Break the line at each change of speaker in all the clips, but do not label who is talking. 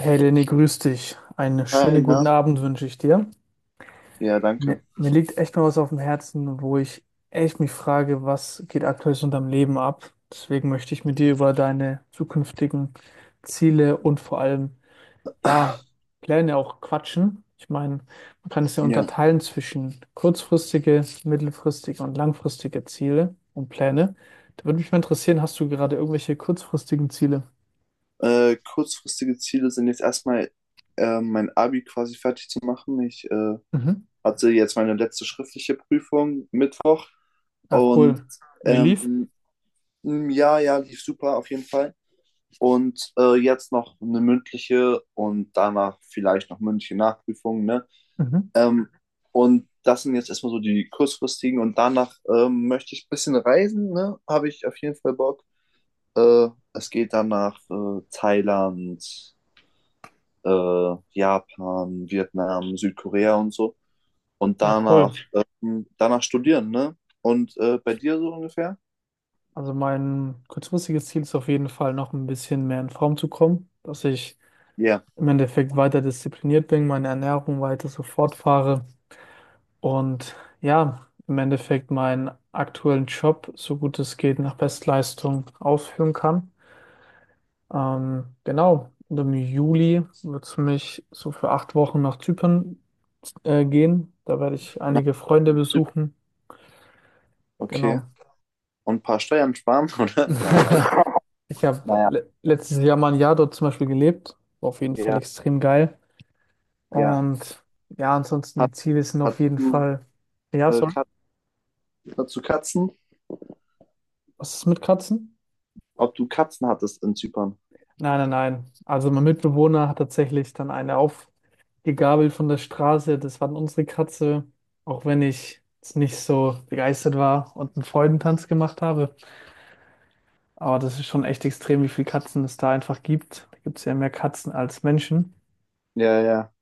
Hey Lenny, grüß dich. Einen
Hi,
schönen
na?
guten Abend wünsche ich dir.
Ja,
Mir,
danke.
mir liegt echt mal was auf dem Herzen, wo ich echt mich frage, was geht aktuell so in deinem Leben ab? Deswegen möchte ich mit dir über deine zukünftigen Ziele und vor allem, ja, Pläne auch quatschen. Ich meine, man kann es ja
Ja,
unterteilen zwischen kurzfristige, mittelfristige und langfristige Ziele und Pläne. Da würde mich mal interessieren, hast du gerade irgendwelche kurzfristigen Ziele?
Kurzfristige Ziele sind jetzt erstmal mein Abi quasi fertig zu machen. Ich
Mhm.
hatte jetzt meine letzte schriftliche Prüfung Mittwoch
Ah, cool.
und
Wie lief?
ähm, lief super auf jeden Fall. Und jetzt noch eine mündliche und danach vielleicht noch mündliche Nachprüfung, ne?
Mhm.
Ähm, und das sind jetzt erstmal so die kurzfristigen, und danach möchte ich ein bisschen reisen, ne? Habe ich auf jeden Fall Bock. Äh, Es geht dann nach Thailand, Japan, Vietnam, Südkorea und so. Und
Ja, cool.
danach studieren, ne? Und bei dir so ungefähr?
Also mein kurzfristiges Ziel ist auf jeden Fall noch ein bisschen mehr in Form zu kommen, dass ich
Ja.
im Endeffekt weiter diszipliniert bin, meine Ernährung weiter so fortfahre und ja, im Endeffekt meinen aktuellen Job, so gut es geht, nach Bestleistung ausführen kann. Genau, und im Juli wird es mich so für 8 Wochen nach Zypern gehen. Da werde ich einige Freunde
Nach Zypern.
besuchen.
Okay.
Genau.
Und ein paar Steuern sparen, oder?
Ich habe
Naja,
le letztes Jahr mal ein Jahr dort zum Beispiel gelebt. War auf jeden Fall
ja,
extrem geil.
ja.
Und ja, ansonsten
Hat,
die Ziele sind auf
hattest
jeden
du,
Fall. Ja,
äh,
sorry.
Kat Hattest du Katzen?
Was ist mit Katzen?
Ob du Katzen hattest in Zypern?
Nein, nein, nein. Also mein Mitbewohner hat tatsächlich dann eine aufgegabelt von der Straße. Das war dann unsere Katze. Auch wenn ich jetzt nicht so begeistert war und einen Freudentanz gemacht habe. Aber das ist schon echt extrem, wie viele Katzen es da einfach gibt. Da gibt es ja mehr Katzen als Menschen.
Ja, ja,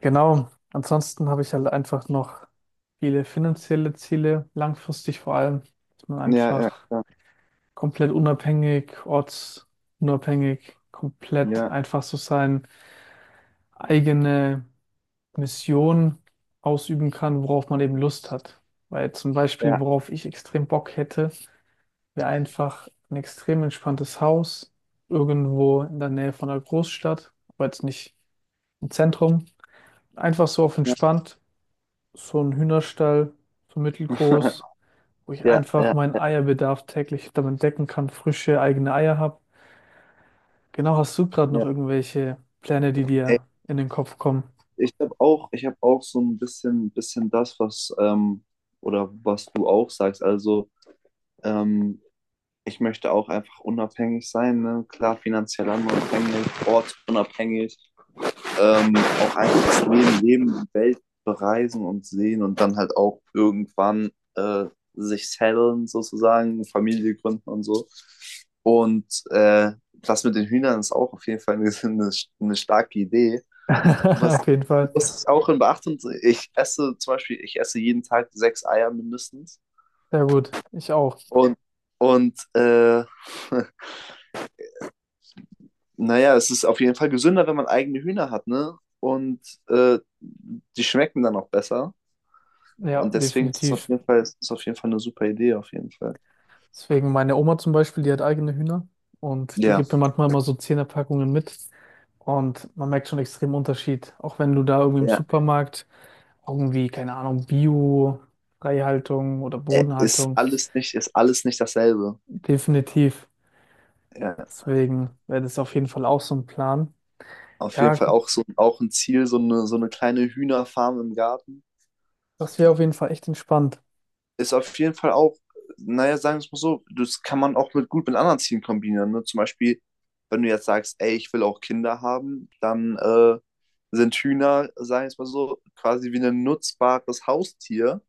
Genau. Ansonsten habe ich halt einfach noch viele finanzielle Ziele, langfristig vor allem, dass man
ja, ja,
einfach
ja,
komplett unabhängig, ortsunabhängig, komplett
ja,
einfach so seine eigene Mission ausüben kann, worauf man eben Lust hat. Weil zum Beispiel,
ja,
worauf ich extrem Bock hätte, wäre einfach ein extrem entspanntes Haus, irgendwo in der Nähe von einer Großstadt, aber jetzt nicht im Zentrum. Einfach so auf
ja,
entspannt so ein Hühnerstall, so mittelgroß, wo ich
ja,
einfach
ja.
meinen Eierbedarf täglich damit decken kann, frische eigene Eier habe. Genau, hast du gerade noch
Ja.
irgendwelche Pläne, die dir in den Kopf kommen?
Ich habe auch so ein bisschen das, was oder was du auch sagst. Also ähm, ich möchte auch einfach unabhängig sein, ne? Klar, finanziell unabhängig, ortsunabhängig, auch einfach das Leben, leben, die Welt bereisen und sehen und dann halt auch irgendwann äh, sich settlen sozusagen, Familie gründen und so. Und das mit den Hühnern ist auch auf jeden Fall eine, eine starke Idee. Was,
Auf jeden Fall.
muss ich auch in Beachtung, ich esse zum Beispiel, ich esse jeden Tag sechs Eier mindestens.
Sehr gut, ich auch.
Und, und naja, es ist auf jeden Fall gesünder, wenn man eigene Hühner hat, ne? Und die schmecken dann auch besser.
Ja,
Und deswegen ist es auf
definitiv.
jeden Fall eine super Idee, auf jeden Fall.
Deswegen meine Oma zum Beispiel, die hat eigene Hühner und die
Ja,
gibt mir manchmal immer so Zehnerpackungen mit. Und man merkt schon extrem Unterschied. Auch wenn du da irgendwie im
ja.
Supermarkt irgendwie, keine Ahnung, Bio, Freihaltung oder
Äh, Ist
Bodenhaltung.
alles nicht, ist alles nicht dasselbe.
Definitiv.
Ja.
Deswegen wäre das auf jeden Fall auch so ein Plan.
Auf jeden
Ja,
Fall auch so auch ein Ziel, so eine kleine Hühnerfarm im Garten.
das wäre auf jeden Fall echt entspannt.
Ist auf jeden Fall auch, naja, sagen wir es mal so, das kann man auch mit, gut mit anderen Zielen kombinieren. Ne? Zum Beispiel, wenn du jetzt sagst, ey, ich will auch Kinder haben, dann sind Hühner, sagen wir es mal so, quasi wie ein nutzbares Haustier,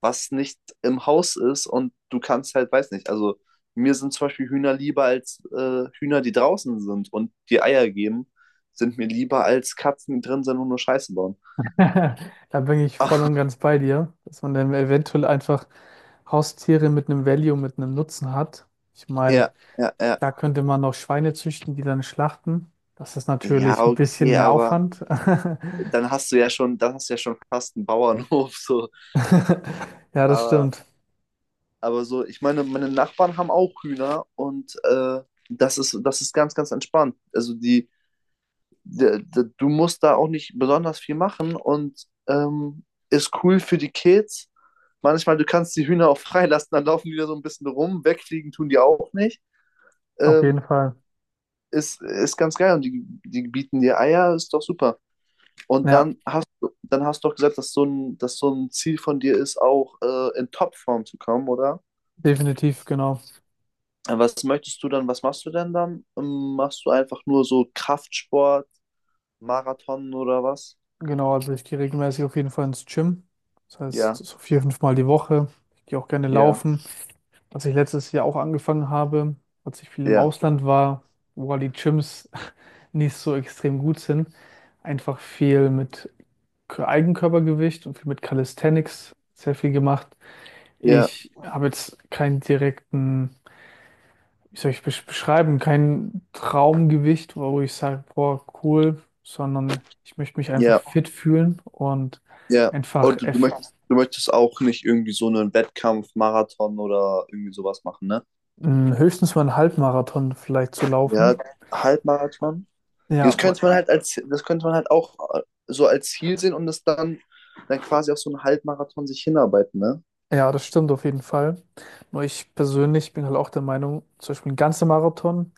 was nicht im Haus ist, und du kannst halt, weiß nicht, also mir sind zum Beispiel Hühner lieber als Hühner, die draußen sind und die Eier geben, sind mir lieber als Katzen, die drin sind und nur Scheiße bauen.
Da bin ich voll und ganz bei dir, dass man dann eventuell einfach Haustiere mit einem Value, mit einem Nutzen hat. Ich
Ja,
meine,
ja, ja.
da könnte man noch Schweine züchten, die dann schlachten. Das ist
Ja,
natürlich ein bisschen
okay,
mehr
aber
Aufwand.
dann hast du ja schon fast einen Bauernhof, so.
Ja, das
Aber,
stimmt.
aber so, ich meine, meine Nachbarn haben auch Hühner, und das ist ganz, ganz entspannt. Also du musst da auch nicht besonders viel machen, und ist cool für die Kids. Manchmal, du kannst die Hühner auch freilassen, dann laufen die da so ein bisschen rum, wegfliegen tun die auch nicht.
Auf
Ähm,
jeden Fall.
ist ganz geil, und die bieten dir Eier, ist doch super. Und
Ja,
dann dann hast du doch gesagt, dass so ein Ziel von dir ist, auch in Topform zu kommen, oder?
definitiv, genau.
Was machst du denn dann? Machst du einfach nur so Kraftsport, Marathon oder was?
Genau, also ich gehe regelmäßig auf jeden Fall ins Gym. Das heißt,
Ja,
so vier, fünf Mal die Woche. Ich gehe auch gerne
ja,
laufen. Was ich letztes Jahr auch angefangen habe, als ich viel im
ja,
Ausland war, wo halt die Gyms nicht so extrem gut sind, einfach viel mit Eigenkörpergewicht und viel mit Calisthenics sehr viel gemacht.
ja,
Ich habe jetzt keinen direkten, wie soll ich beschreiben, kein Traumgewicht, wo ich sage, boah, cool, sondern ich möchte mich einfach
ja,
fit fühlen und
ja.
einfach
Und
eff-
du möchtest auch nicht irgendwie so einen Wettkampf, Marathon oder irgendwie sowas machen, ne?
höchstens mal einen Halbmarathon vielleicht zu
Ja,
laufen.
Halbmarathon?
Ja,
Das
wa-
könnte man halt als, das könnte man halt auch so als Ziel sehen, und dann quasi auf so einen Halbmarathon sich hinarbeiten, ne?
ja, das stimmt auf jeden Fall. Nur ich persönlich bin halt auch der Meinung, zum Beispiel ein ganzer Marathon,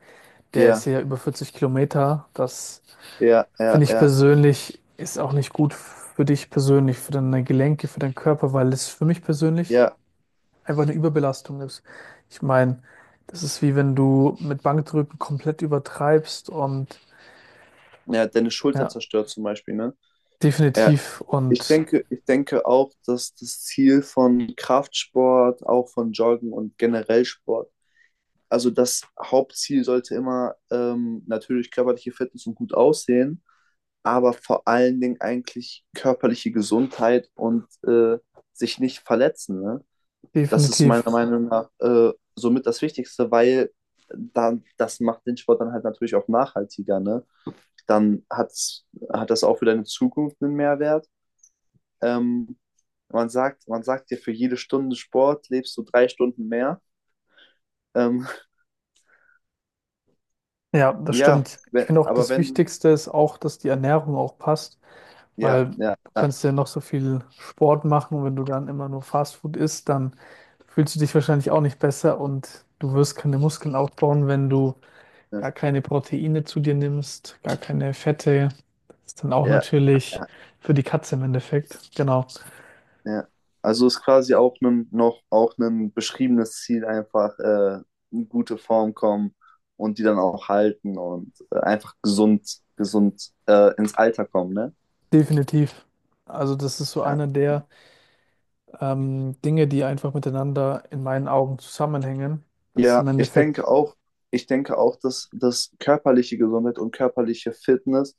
der ist
Ja,
ja über 40 Kilometer, das
ja, ja,
finde ich
ja,
persönlich ist auch nicht gut für dich persönlich, für deine Gelenke, für deinen Körper, weil es für mich persönlich
ja.
einfach eine Überbelastung ist. Ich meine, das ist wie wenn du mit Bankdrücken komplett übertreibst und
Ja, deine Schulter
ja,
zerstört zum Beispiel, ne? Ja.
definitiv und
Ich denke auch, dass das Ziel von Kraftsport, auch von Joggen und generell Sport, also das Hauptziel sollte immer natürlich körperliche Fitness und gut aussehen, aber vor allen Dingen eigentlich körperliche Gesundheit und sich nicht verletzen, ne? Das ist
definitiv.
meiner Meinung nach somit das Wichtigste, weil das macht den Sport dann halt natürlich auch nachhaltiger, ne? Dann hat's, hat das auch für deine Zukunft einen Mehrwert. Ähm, man sagt dir, für jede Stunde Sport lebst du 3 Stunden mehr. Ähm,
Ja, das
ja,
stimmt. Ich
wenn,
finde auch
aber
das
wenn du,
Wichtigste ist auch, dass die Ernährung auch passt,
ja,
weil
ja,
du
ja,
kannst ja noch so viel Sport machen und wenn du dann immer nur Fastfood isst, dann fühlst du dich wahrscheinlich auch nicht besser und du wirst keine Muskeln aufbauen, wenn du
ja,
gar keine Proteine zu dir nimmst, gar keine Fette. Ist dann auch
ja.
natürlich für die Katze im Endeffekt. Genau,
Ja. Also ist quasi auch noch auch ein beschriebenes Ziel, einfach in gute Form kommen und die dann auch halten, und einfach gesund, gesund ins Alter kommen, ne?
definitiv. Also das ist so
Ja.
einer der Dinge, die einfach miteinander in meinen Augen zusammenhängen. Das ist im
Ja, ich
Endeffekt
denke auch, ich denke auch, dass körperliche Gesundheit und körperliche Fitness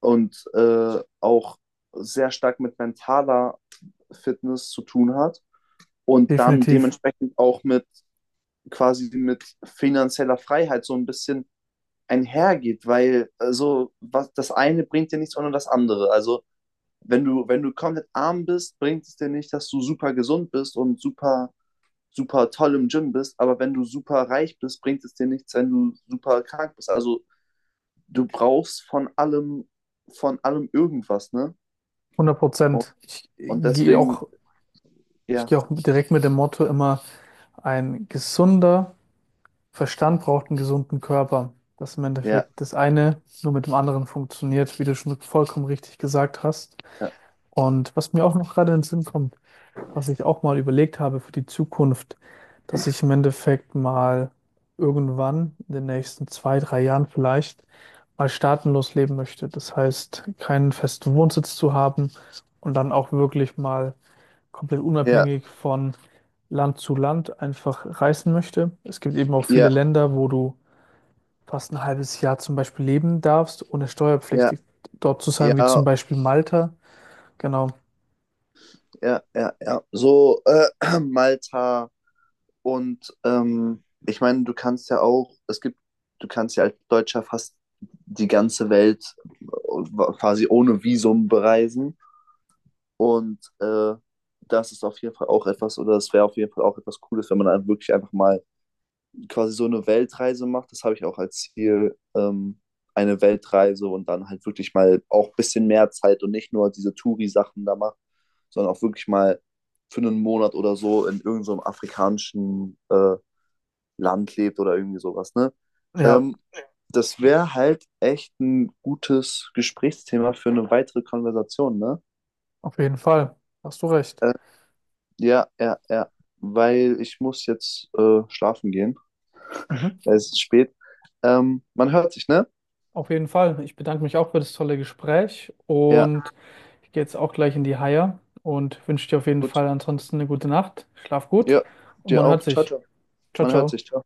und auch sehr stark mit mentaler Fitness zu tun hat und dann
definitiv
dementsprechend auch mit quasi mit finanzieller Freiheit so ein bisschen einhergeht, weil also, was, das eine bringt dir nichts ohne das andere. Also wenn du komplett arm bist, bringt es dir nicht, dass du super gesund bist und super toll im Gym bist, aber wenn du super reich bist, bringt es dir nichts, wenn du super krank bist. Also du brauchst von allem irgendwas, ne?
hundert
Und,
Prozent. Ich
und
gehe auch,
deswegen,
ich
ja,
gehe auch direkt mit dem Motto immer, ein gesunder Verstand braucht einen gesunden Körper. Dass im
ja,
Endeffekt das eine nur mit dem anderen funktioniert, wie du schon vollkommen richtig gesagt hast.
ja,
Und was mir auch noch gerade in den Sinn kommt, was ich auch mal überlegt habe für die Zukunft, dass ich im Endeffekt mal irgendwann in den nächsten 2, 3 Jahren vielleicht mal staatenlos leben möchte. Das heißt, keinen festen Wohnsitz zu haben und dann auch wirklich mal komplett
ja,
unabhängig von Land zu Land einfach reisen möchte. Es gibt eben auch viele
ja,
Länder, wo du fast ein halbes Jahr zum Beispiel leben darfst, ohne
ja,
steuerpflichtig dort zu sein, wie zum
ja,
Beispiel Malta. Genau.
ja, ja, ja. So, Malta. Und ich meine, du kannst ja auch, es gibt, du kannst ja als Deutscher fast die ganze Welt quasi ohne Visum bereisen. Und das ist auf jeden Fall auch etwas, oder das wäre auf jeden Fall auch etwas Cooles, wenn man dann wirklich einfach mal quasi so eine Weltreise macht. Das habe ich auch als Ziel, eine Weltreise, und dann halt wirklich mal auch ein bisschen mehr Zeit und nicht nur diese Touri-Sachen da macht, sondern auch wirklich mal für einen Monat oder so in irgendeinem afrikanischen Land lebt oder irgendwie sowas, ne?
Ja,
Ähm, Das wäre halt echt ein gutes Gesprächsthema für eine weitere Konversation, ne?
auf jeden Fall. Hast du recht.
Äh, ja, ja, ja, weil ich muss jetzt schlafen gehen.
Mhm.
Es ist spät. Man hört sich, ne?
Auf jeden Fall. Ich bedanke mich auch für das tolle Gespräch
Ja,
und ich gehe jetzt auch gleich in die Haie und wünsche dir auf jeden
gut.
Fall ansonsten eine gute Nacht. Schlaf gut
Ja,
und
dir
man hört
auch. Ciao,
sich.
ciao.
Ciao,
Man hört
ciao.
sich. Ciao.